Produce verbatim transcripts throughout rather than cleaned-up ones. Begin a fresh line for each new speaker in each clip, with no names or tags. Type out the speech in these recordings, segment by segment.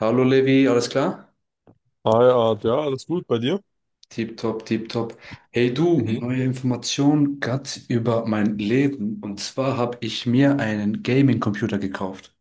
Hallo Levi, alles klar?
Hi, Art, ja, alles gut bei dir?
Tipptopp, tipptopp. Hey du,
Mhm.
neue Information grad über mein Leben. Und zwar habe ich mir einen Gaming-Computer gekauft.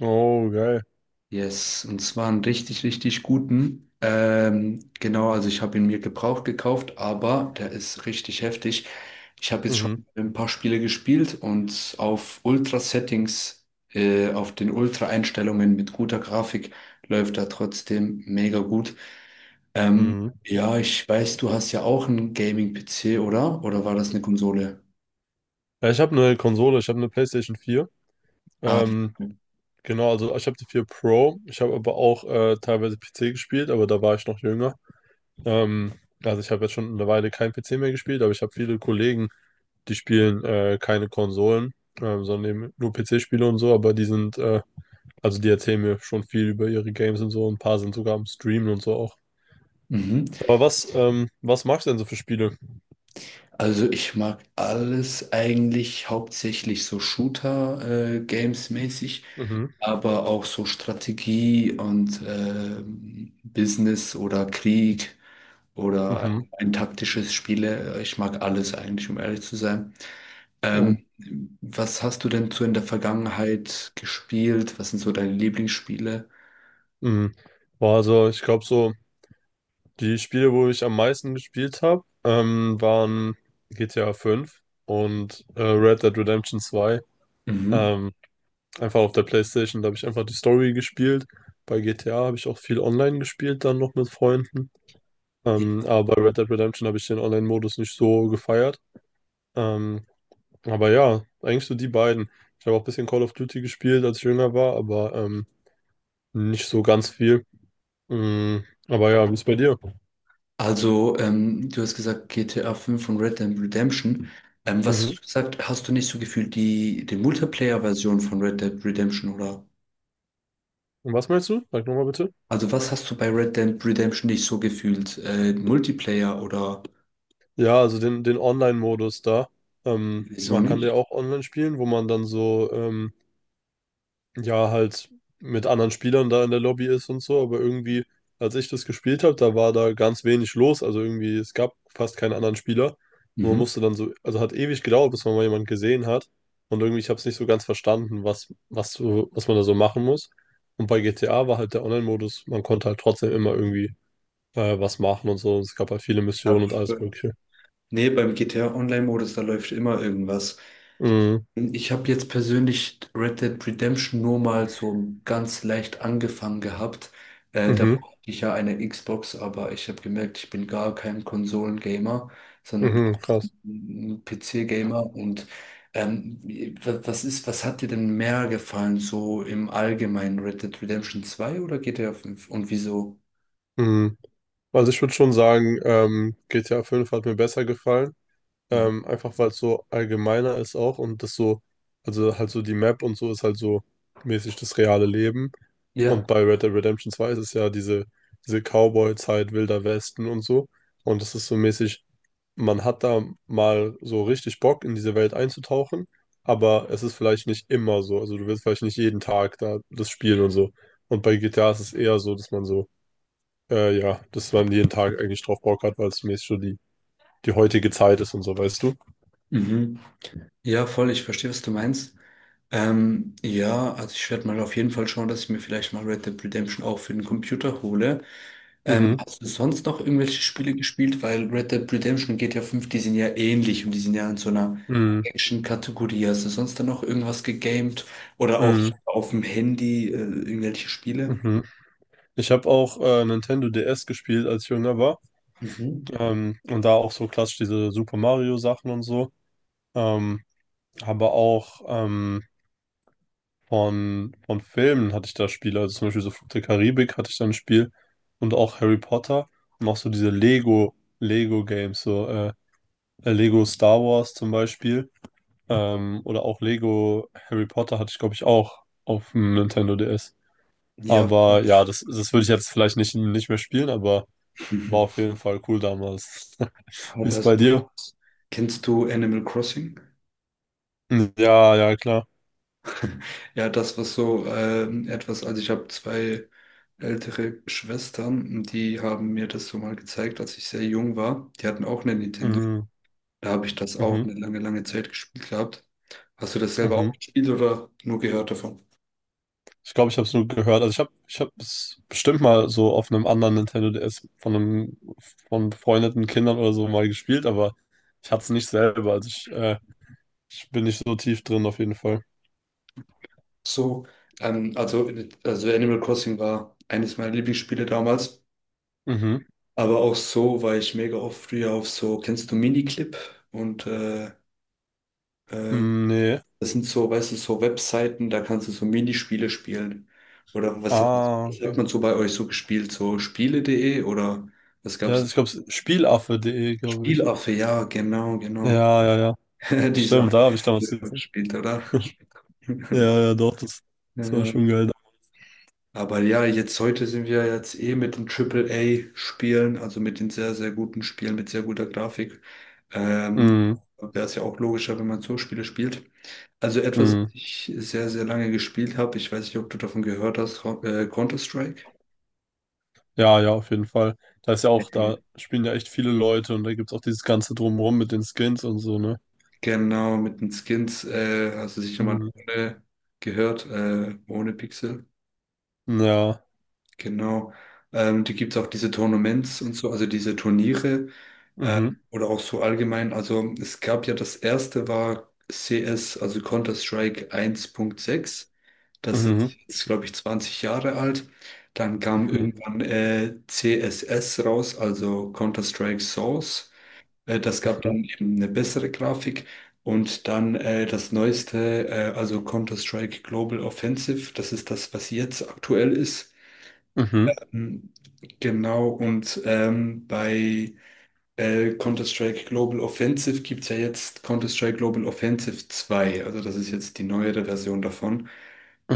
Oh, geil.
Yes, und zwar einen richtig, richtig guten. Ähm, genau, also ich habe ihn mir gebraucht gekauft, aber der ist richtig heftig. Ich habe jetzt schon
Mhm.
ein paar Spiele gespielt und auf Ultra-Settings, äh, auf den Ultra-Einstellungen mit guter Grafik läuft er trotzdem mega gut. Ähm,
Mhm.
ja, ich weiß, du hast ja auch einen Gaming-P C, oder? Oder war das eine Konsole?
Ja, ich habe eine Konsole, ich habe eine PlayStation vier.
Ah,
Ähm,
okay.
genau, also ich habe die vier Pro. Ich habe aber auch äh, teilweise P C gespielt, aber da war ich noch jünger. Ähm, also ich habe jetzt schon eine Weile kein P C mehr gespielt, aber ich habe viele Kollegen, die spielen äh, keine Konsolen, ähm, sondern eben nur P C-Spiele und so, aber die sind, äh, also die erzählen mir schon viel über ihre Games und so. Ein paar sind sogar am Streamen und so auch.
Mhm.
Aber was, ähm, was magst du denn so für Spiele?
Also ich mag alles eigentlich, hauptsächlich so Shooter-Games-mäßig,
Mhm.
aber auch so Strategie und ähm, Business oder Krieg oder
Mhm.
ein, ein taktisches Spiele. Ich mag alles eigentlich, um ehrlich zu sein.
Ja.
Ähm, was hast du denn so in der Vergangenheit gespielt? Was sind so deine Lieblingsspiele?
Mhm. Boah, also ich glaube so, die Spiele, wo ich am meisten gespielt habe, ähm, waren G T A fünf und äh, Red Dead Redemption zwei.
Mhm.
Ähm, einfach auf der PlayStation, da habe ich einfach die Story gespielt. Bei G T A habe ich auch viel online gespielt, dann noch mit Freunden. Ähm, aber bei Red Dead Redemption habe ich den Online-Modus nicht so gefeiert. Ähm, aber ja, eigentlich so die beiden. Ich habe auch ein bisschen Call of Duty gespielt, als ich jünger war, aber ähm, nicht so ganz viel. Mhm. Aber ja, wie ist bei dir?
Also, ähm, du hast gesagt G T A fünf und Red Dead Redemption. Ähm, was
Mhm.
hast du gesagt, hast du nicht so gefühlt die, die Multiplayer-Version von Red Dead Redemption oder?
Und was meinst du? Sag nochmal bitte.
Also, was hast du bei Red Dead Redemption nicht so gefühlt? Äh, Multiplayer oder
Ja, also den, den Online-Modus da. Ähm,
wieso
man kann ja
nicht?
auch online spielen, wo man dann so, ähm, ja, halt mit anderen Spielern da in der Lobby ist und so. Aber irgendwie, als ich das gespielt habe, da war da ganz wenig los. Also irgendwie, es gab fast keinen anderen Spieler. Und man
Mhm.
musste dann so, also hat ewig gedauert, bis man mal jemanden gesehen hat. Und irgendwie, ich habe es nicht so ganz verstanden, was, was, so- was man da so machen muss. Und bei G T A war halt der Online-Modus, man konnte halt trotzdem immer irgendwie äh, was machen und so. Es gab halt viele
Ja,
Missionen und alles
f-
Mögliche.
nee, beim G T A Online-Modus, da läuft immer irgendwas.
Mhm.
Ich habe jetzt persönlich Red Dead Redemption nur mal so ganz leicht angefangen gehabt. Äh, da hatte
Mhm.
ich ja eine Xbox, aber ich habe gemerkt, ich bin gar kein Konsolengamer, sondern
Mhm. Krass.
ein P C-Gamer. Und ähm, wa- was ist, was hat dir denn mehr gefallen, so im Allgemeinen Red Dead Redemption zwei oder G T A fünf und wieso?
Mhm. Also ich würde schon sagen, ähm, G T A fünf hat mir besser gefallen.
Mhm.
Ähm, einfach weil es so allgemeiner ist auch und das so, also halt so die Map und so ist halt so mäßig das reale Leben.
Ja.
Und bei Red Dead Redemption zwei ist es ja diese, diese Cowboy-Zeit, Wilder Westen und so. Und das ist so mäßig, man hat da mal so richtig Bock, in diese Welt einzutauchen, aber es ist vielleicht nicht immer so. Also du willst vielleicht nicht jeden Tag da das spielen und so. Und bei G T A ist es eher so, dass man so, äh, ja, dass man jeden Tag eigentlich drauf Bock hat, weil es zumindest schon die, die heutige Zeit ist und so, weißt du?
Mhm. Ja, voll, ich verstehe, was du meinst. Ähm, ja, also ich werde mal auf jeden Fall schauen, dass ich mir vielleicht mal Red Dead Redemption auch für den Computer hole. Ähm,
Mhm.
hast du sonst noch irgendwelche Spiele gespielt? Weil Red Dead Redemption und G T A fünf, die sind ja ähnlich und die sind ja in so einer
Mhm.
Action-Kategorie. Hast du sonst dann noch irgendwas gegamed? Oder auch
Mhm.
auf dem Handy, äh, irgendwelche Spiele?
Mhm. Ich habe auch äh, Nintendo D S gespielt, als ich jünger war.
Mhm.
Ähm, und da auch so klassisch diese Super Mario Sachen und so. Ähm, aber auch ähm, Von, von Filmen hatte ich da Spiele, also zum Beispiel so Fluch der Karibik hatte ich da ein Spiel und auch Harry Potter und auch so diese Lego, Lego Games, so äh, äh, Lego Star Wars zum Beispiel, ähm, oder auch Lego Harry Potter hatte ich, glaube ich, auch auf dem Nintendo D S.
Ja,
Aber
voll.
ja, das, das würde ich jetzt vielleicht nicht, nicht mehr spielen, aber war auf jeden Fall cool damals. Wie
Aber
ist bei
hast,
dir?
kennst du Animal Crossing?
Ja, ja, klar.
Ja, das, was so ähm, etwas, also ich habe zwei ältere Schwestern, die haben mir das so mal gezeigt, als ich sehr jung war. Die hatten auch eine Nintendo.
Mhm,
Da habe ich das auch
mhm,
eine lange, lange Zeit gespielt gehabt. Hast du das selber
mhm.
auch gespielt oder nur gehört davon?
Ich glaube, ich habe es nur gehört. Also ich habe ich habe es bestimmt mal so auf einem anderen Nintendo D S von einem von befreundeten Kindern oder so mal gespielt, aber ich hatte es nicht selber. Also ich, äh, ich bin nicht so tief drin auf jeden Fall.
So, ähm, also, also Animal Crossing war eines meiner Lieblingsspiele damals.
Mhm.
Aber auch so war ich mega oft früher auf so, kennst du Miniclip und äh, äh,
Mm, nee.
das sind so, weißt du, so Webseiten, da kannst du so Minispiele spielen. Oder was hat,
Ah,
was hat
okay.
man so bei euch so gespielt? So Spiele.de oder was
Ja, also
gab's?
ich glaube, Spielaffe.de, glaube ich.
Spielaffe, ja, genau, genau.
Ja, ja, ja.
Die
Stimmt, da
Sachen
habe ich
die
damals
ihr
gesehen.
gespielt, oder?
Ja, ja, doch, das, das war
Äh,
schon geil.
aber ja, jetzt heute sind wir jetzt eh mit den Triple A spielen, also mit den sehr, sehr guten Spielen mit sehr guter Grafik. Ähm,
Mhm.
wäre es ja auch logischer, wenn man so Spiele spielt. Also etwas, was
Mhm.
ich sehr, sehr lange gespielt habe, ich weiß nicht, ob du davon gehört hast, Ho- äh, Counter-Strike.
Ja, ja, auf jeden Fall. Da ist ja auch,
Nee.
da spielen ja echt viele Leute und da gibt es auch dieses ganze Drumherum mit den Skins und so, ne?
Genau, mit den Skins, äh, hast du sicher mal
Mm.
ohne gehört, äh, ohne Pixel.
Ja.
Genau. Ähm, die gibt es auch diese Tournaments und so, also diese Turniere. Äh,
Mhm.
oder auch so allgemein. Also es gab ja, das erste war C S, also Counter-Strike eins Punkt sechs. Das ist
Mhm.
jetzt, glaube ich, zwanzig Jahre alt. Dann kam
Mhm.
irgendwann äh, C S S raus, also Counter-Strike Source. Äh, das gab
Mhm.
dann eben eine bessere Grafik. Und dann äh, das neueste, äh, also Counter-Strike Global Offensive. Das ist das, was jetzt aktuell ist.
Mhm.
Ähm, Genau, und ähm, bei äh, Counter-Strike Global Offensive gibt es ja jetzt Counter-Strike Global Offensive zwei, also das ist jetzt die neuere Version davon.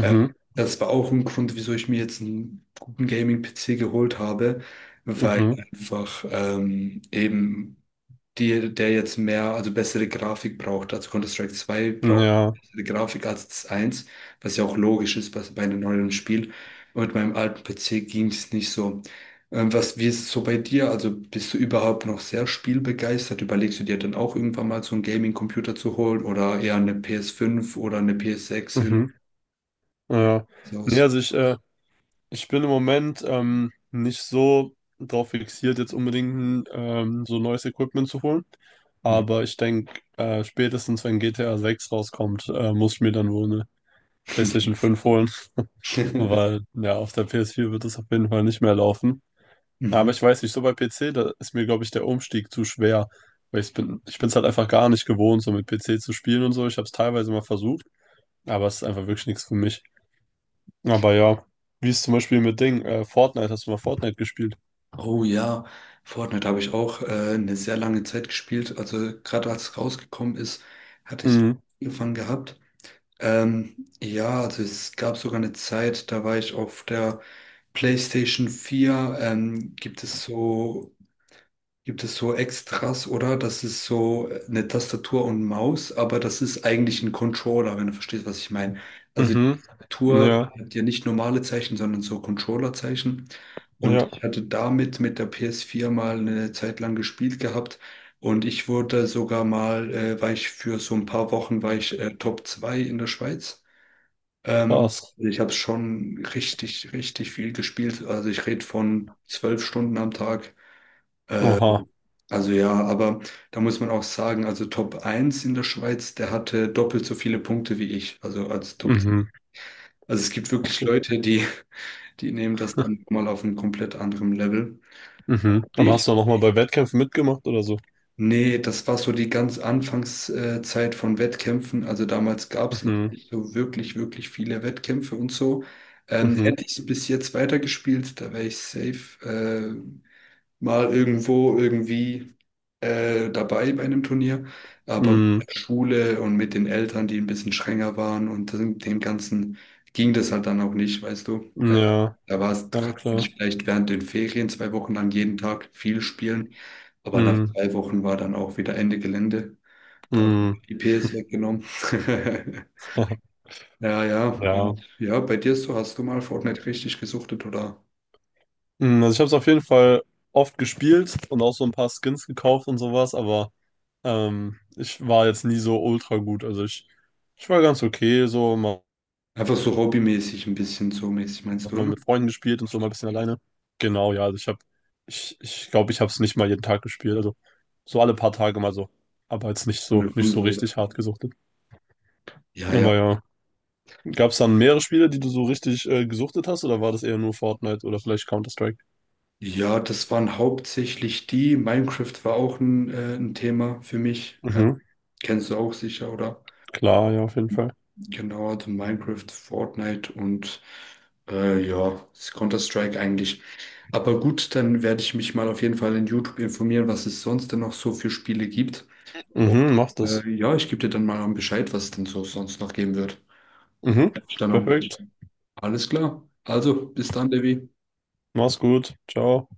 Ähm, das war auch ein Grund, wieso ich mir jetzt einen guten Gaming-P C geholt habe, weil
Mhm.
einfach ähm, eben die, der jetzt mehr, also bessere Grafik braucht. Also Counter-Strike zwei
Mhm,
braucht
ja.
bessere Grafik als das eins, was ja auch logisch ist bei, bei einem neuen Spiel. Und mit meinem alten P C ging es nicht so. Ähm, was, wie ist es so bei dir? Also bist du überhaupt noch sehr spielbegeistert? Überlegst du dir dann auch irgendwann mal so einen Gaming-Computer zu holen oder eher eine P S fünf oder eine P S sechs? Irgendwie
Mhm. Ja.
so
Nee,
aus?
also ich, äh, ich bin im Moment ähm, nicht so drauf fixiert, jetzt unbedingt ähm, so neues Equipment zu holen.
Mhm.
Aber ich denke, äh, spätestens wenn G T A sechs rauskommt, äh, muss ich mir dann wohl eine PlayStation fünf holen. Weil, ja, auf der P S vier wird es auf jeden Fall nicht mehr laufen.
Mhm.
Aber ich weiß nicht, so bei P C, da ist mir, glaube ich, der Umstieg zu schwer. Weil ich bin, ich bin es halt einfach gar nicht gewohnt, so mit P C zu spielen und so. Ich habe es teilweise mal versucht, aber es ist einfach wirklich nichts für mich. Aber ja, wie ist zum Beispiel mit Ding, äh, Fortnite, hast du mal Fortnite gespielt?
Oh ja, Fortnite habe ich auch äh, eine sehr lange Zeit gespielt. Also gerade als es rausgekommen ist, hatte ich es
Mhm.
angefangen gehabt. Ähm, ja, also es gab sogar eine Zeit, da war ich auf der PlayStation vier. Ähm, gibt es so Gibt es so Extras, oder? Das ist so äh, eine Tastatur und Maus, aber das ist eigentlich ein Controller, wenn du verstehst, was ich meine. Also die
Mhm.
Tastatur
Ja,
hat ja nicht normale Zeichen, sondern so Controller-Zeichen. Und
ja,
ich hatte damit mit der P S vier mal eine Zeit lang gespielt gehabt. Und ich wurde sogar mal, äh, war ich für so ein paar Wochen, war ich äh, Top zwei in der Schweiz. Ähm,
krass.
also ich habe schon richtig, richtig viel gespielt. Also ich rede von zwölf Stunden am Tag.
Oha.
Also ja, aber da muss man auch sagen, also Top eins in der Schweiz, der hatte doppelt so viele Punkte wie ich, also als Top zwei.
Mhm.
Also es gibt wirklich Leute, die, die nehmen das dann mal auf einem komplett anderen Level.
Mhm. Aber
Ich?
hast du auch noch mal bei Wettkämpfen mitgemacht oder so?
Nee, das war so die ganz Anfangszeit von Wettkämpfen. Also damals gab es noch
Mhm.
nicht so wirklich, wirklich viele Wettkämpfe und so. Ähm,
Mhm.
hätte ich so bis jetzt weitergespielt, da wäre ich safe. äh, mal irgendwo irgendwie äh, dabei bei einem Turnier, aber mit
Mhm.
der Schule und mit den Eltern, die ein bisschen strenger waren, und dem dem Ganzen ging das halt dann auch nicht, weißt du. Äh,
Ja,
da war es,
na
kann
klar.
ich vielleicht während den Ferien zwei Wochen lang jeden Tag viel spielen, aber nach
Mhm.
zwei Wochen war dann auch wieder Ende Gelände. Da haben
Mhm.
die I P S weggenommen. Ja, ja,
Ja.
und ja, bei dir so, hast du mal Fortnite richtig gesuchtet oder
Mm, also ich habe es auf jeden Fall oft gespielt und auch so ein paar Skins gekauft und sowas, aber ähm, ich war jetzt nie so ultra gut. Also ich, ich war ganz okay, so mal,
einfach so hobbymäßig ein bisschen so mäßig, meinst
hat
du,
mal
oder?
mit Freunden gespielt und so mal ein bisschen alleine. Genau, ja, also ich habe, ich, ich glaube, ich habe es nicht mal jeden Tag gespielt, also so alle paar Tage mal so, aber jetzt nicht
Von
so,
der
nicht so
Konsole.
richtig hart gesuchtet.
Ja, ja.
Aber ja, gab es dann mehrere Spiele, die du so richtig äh, gesuchtet hast oder war das eher nur Fortnite oder vielleicht Counter-Strike?
Ja, das waren hauptsächlich die. Minecraft war auch ein, äh, ein Thema für mich. Äh,
Mhm,
kennst du auch sicher, oder?
klar, ja, auf jeden Fall.
Genau, also Minecraft, Fortnite und äh, ja, Counter-Strike eigentlich. Aber gut, dann werde ich mich mal auf jeden Fall in YouTube informieren, was es sonst denn noch so für Spiele gibt. Und,
Mhm, mach das.
äh, ja, ich gebe dir dann mal Bescheid, was es denn so sonst noch geben wird.
Mhm,
Werd mich dann auch
perfekt.
berichten. Alles klar. Also, bis dann, Devi.
Mach's gut. Ciao.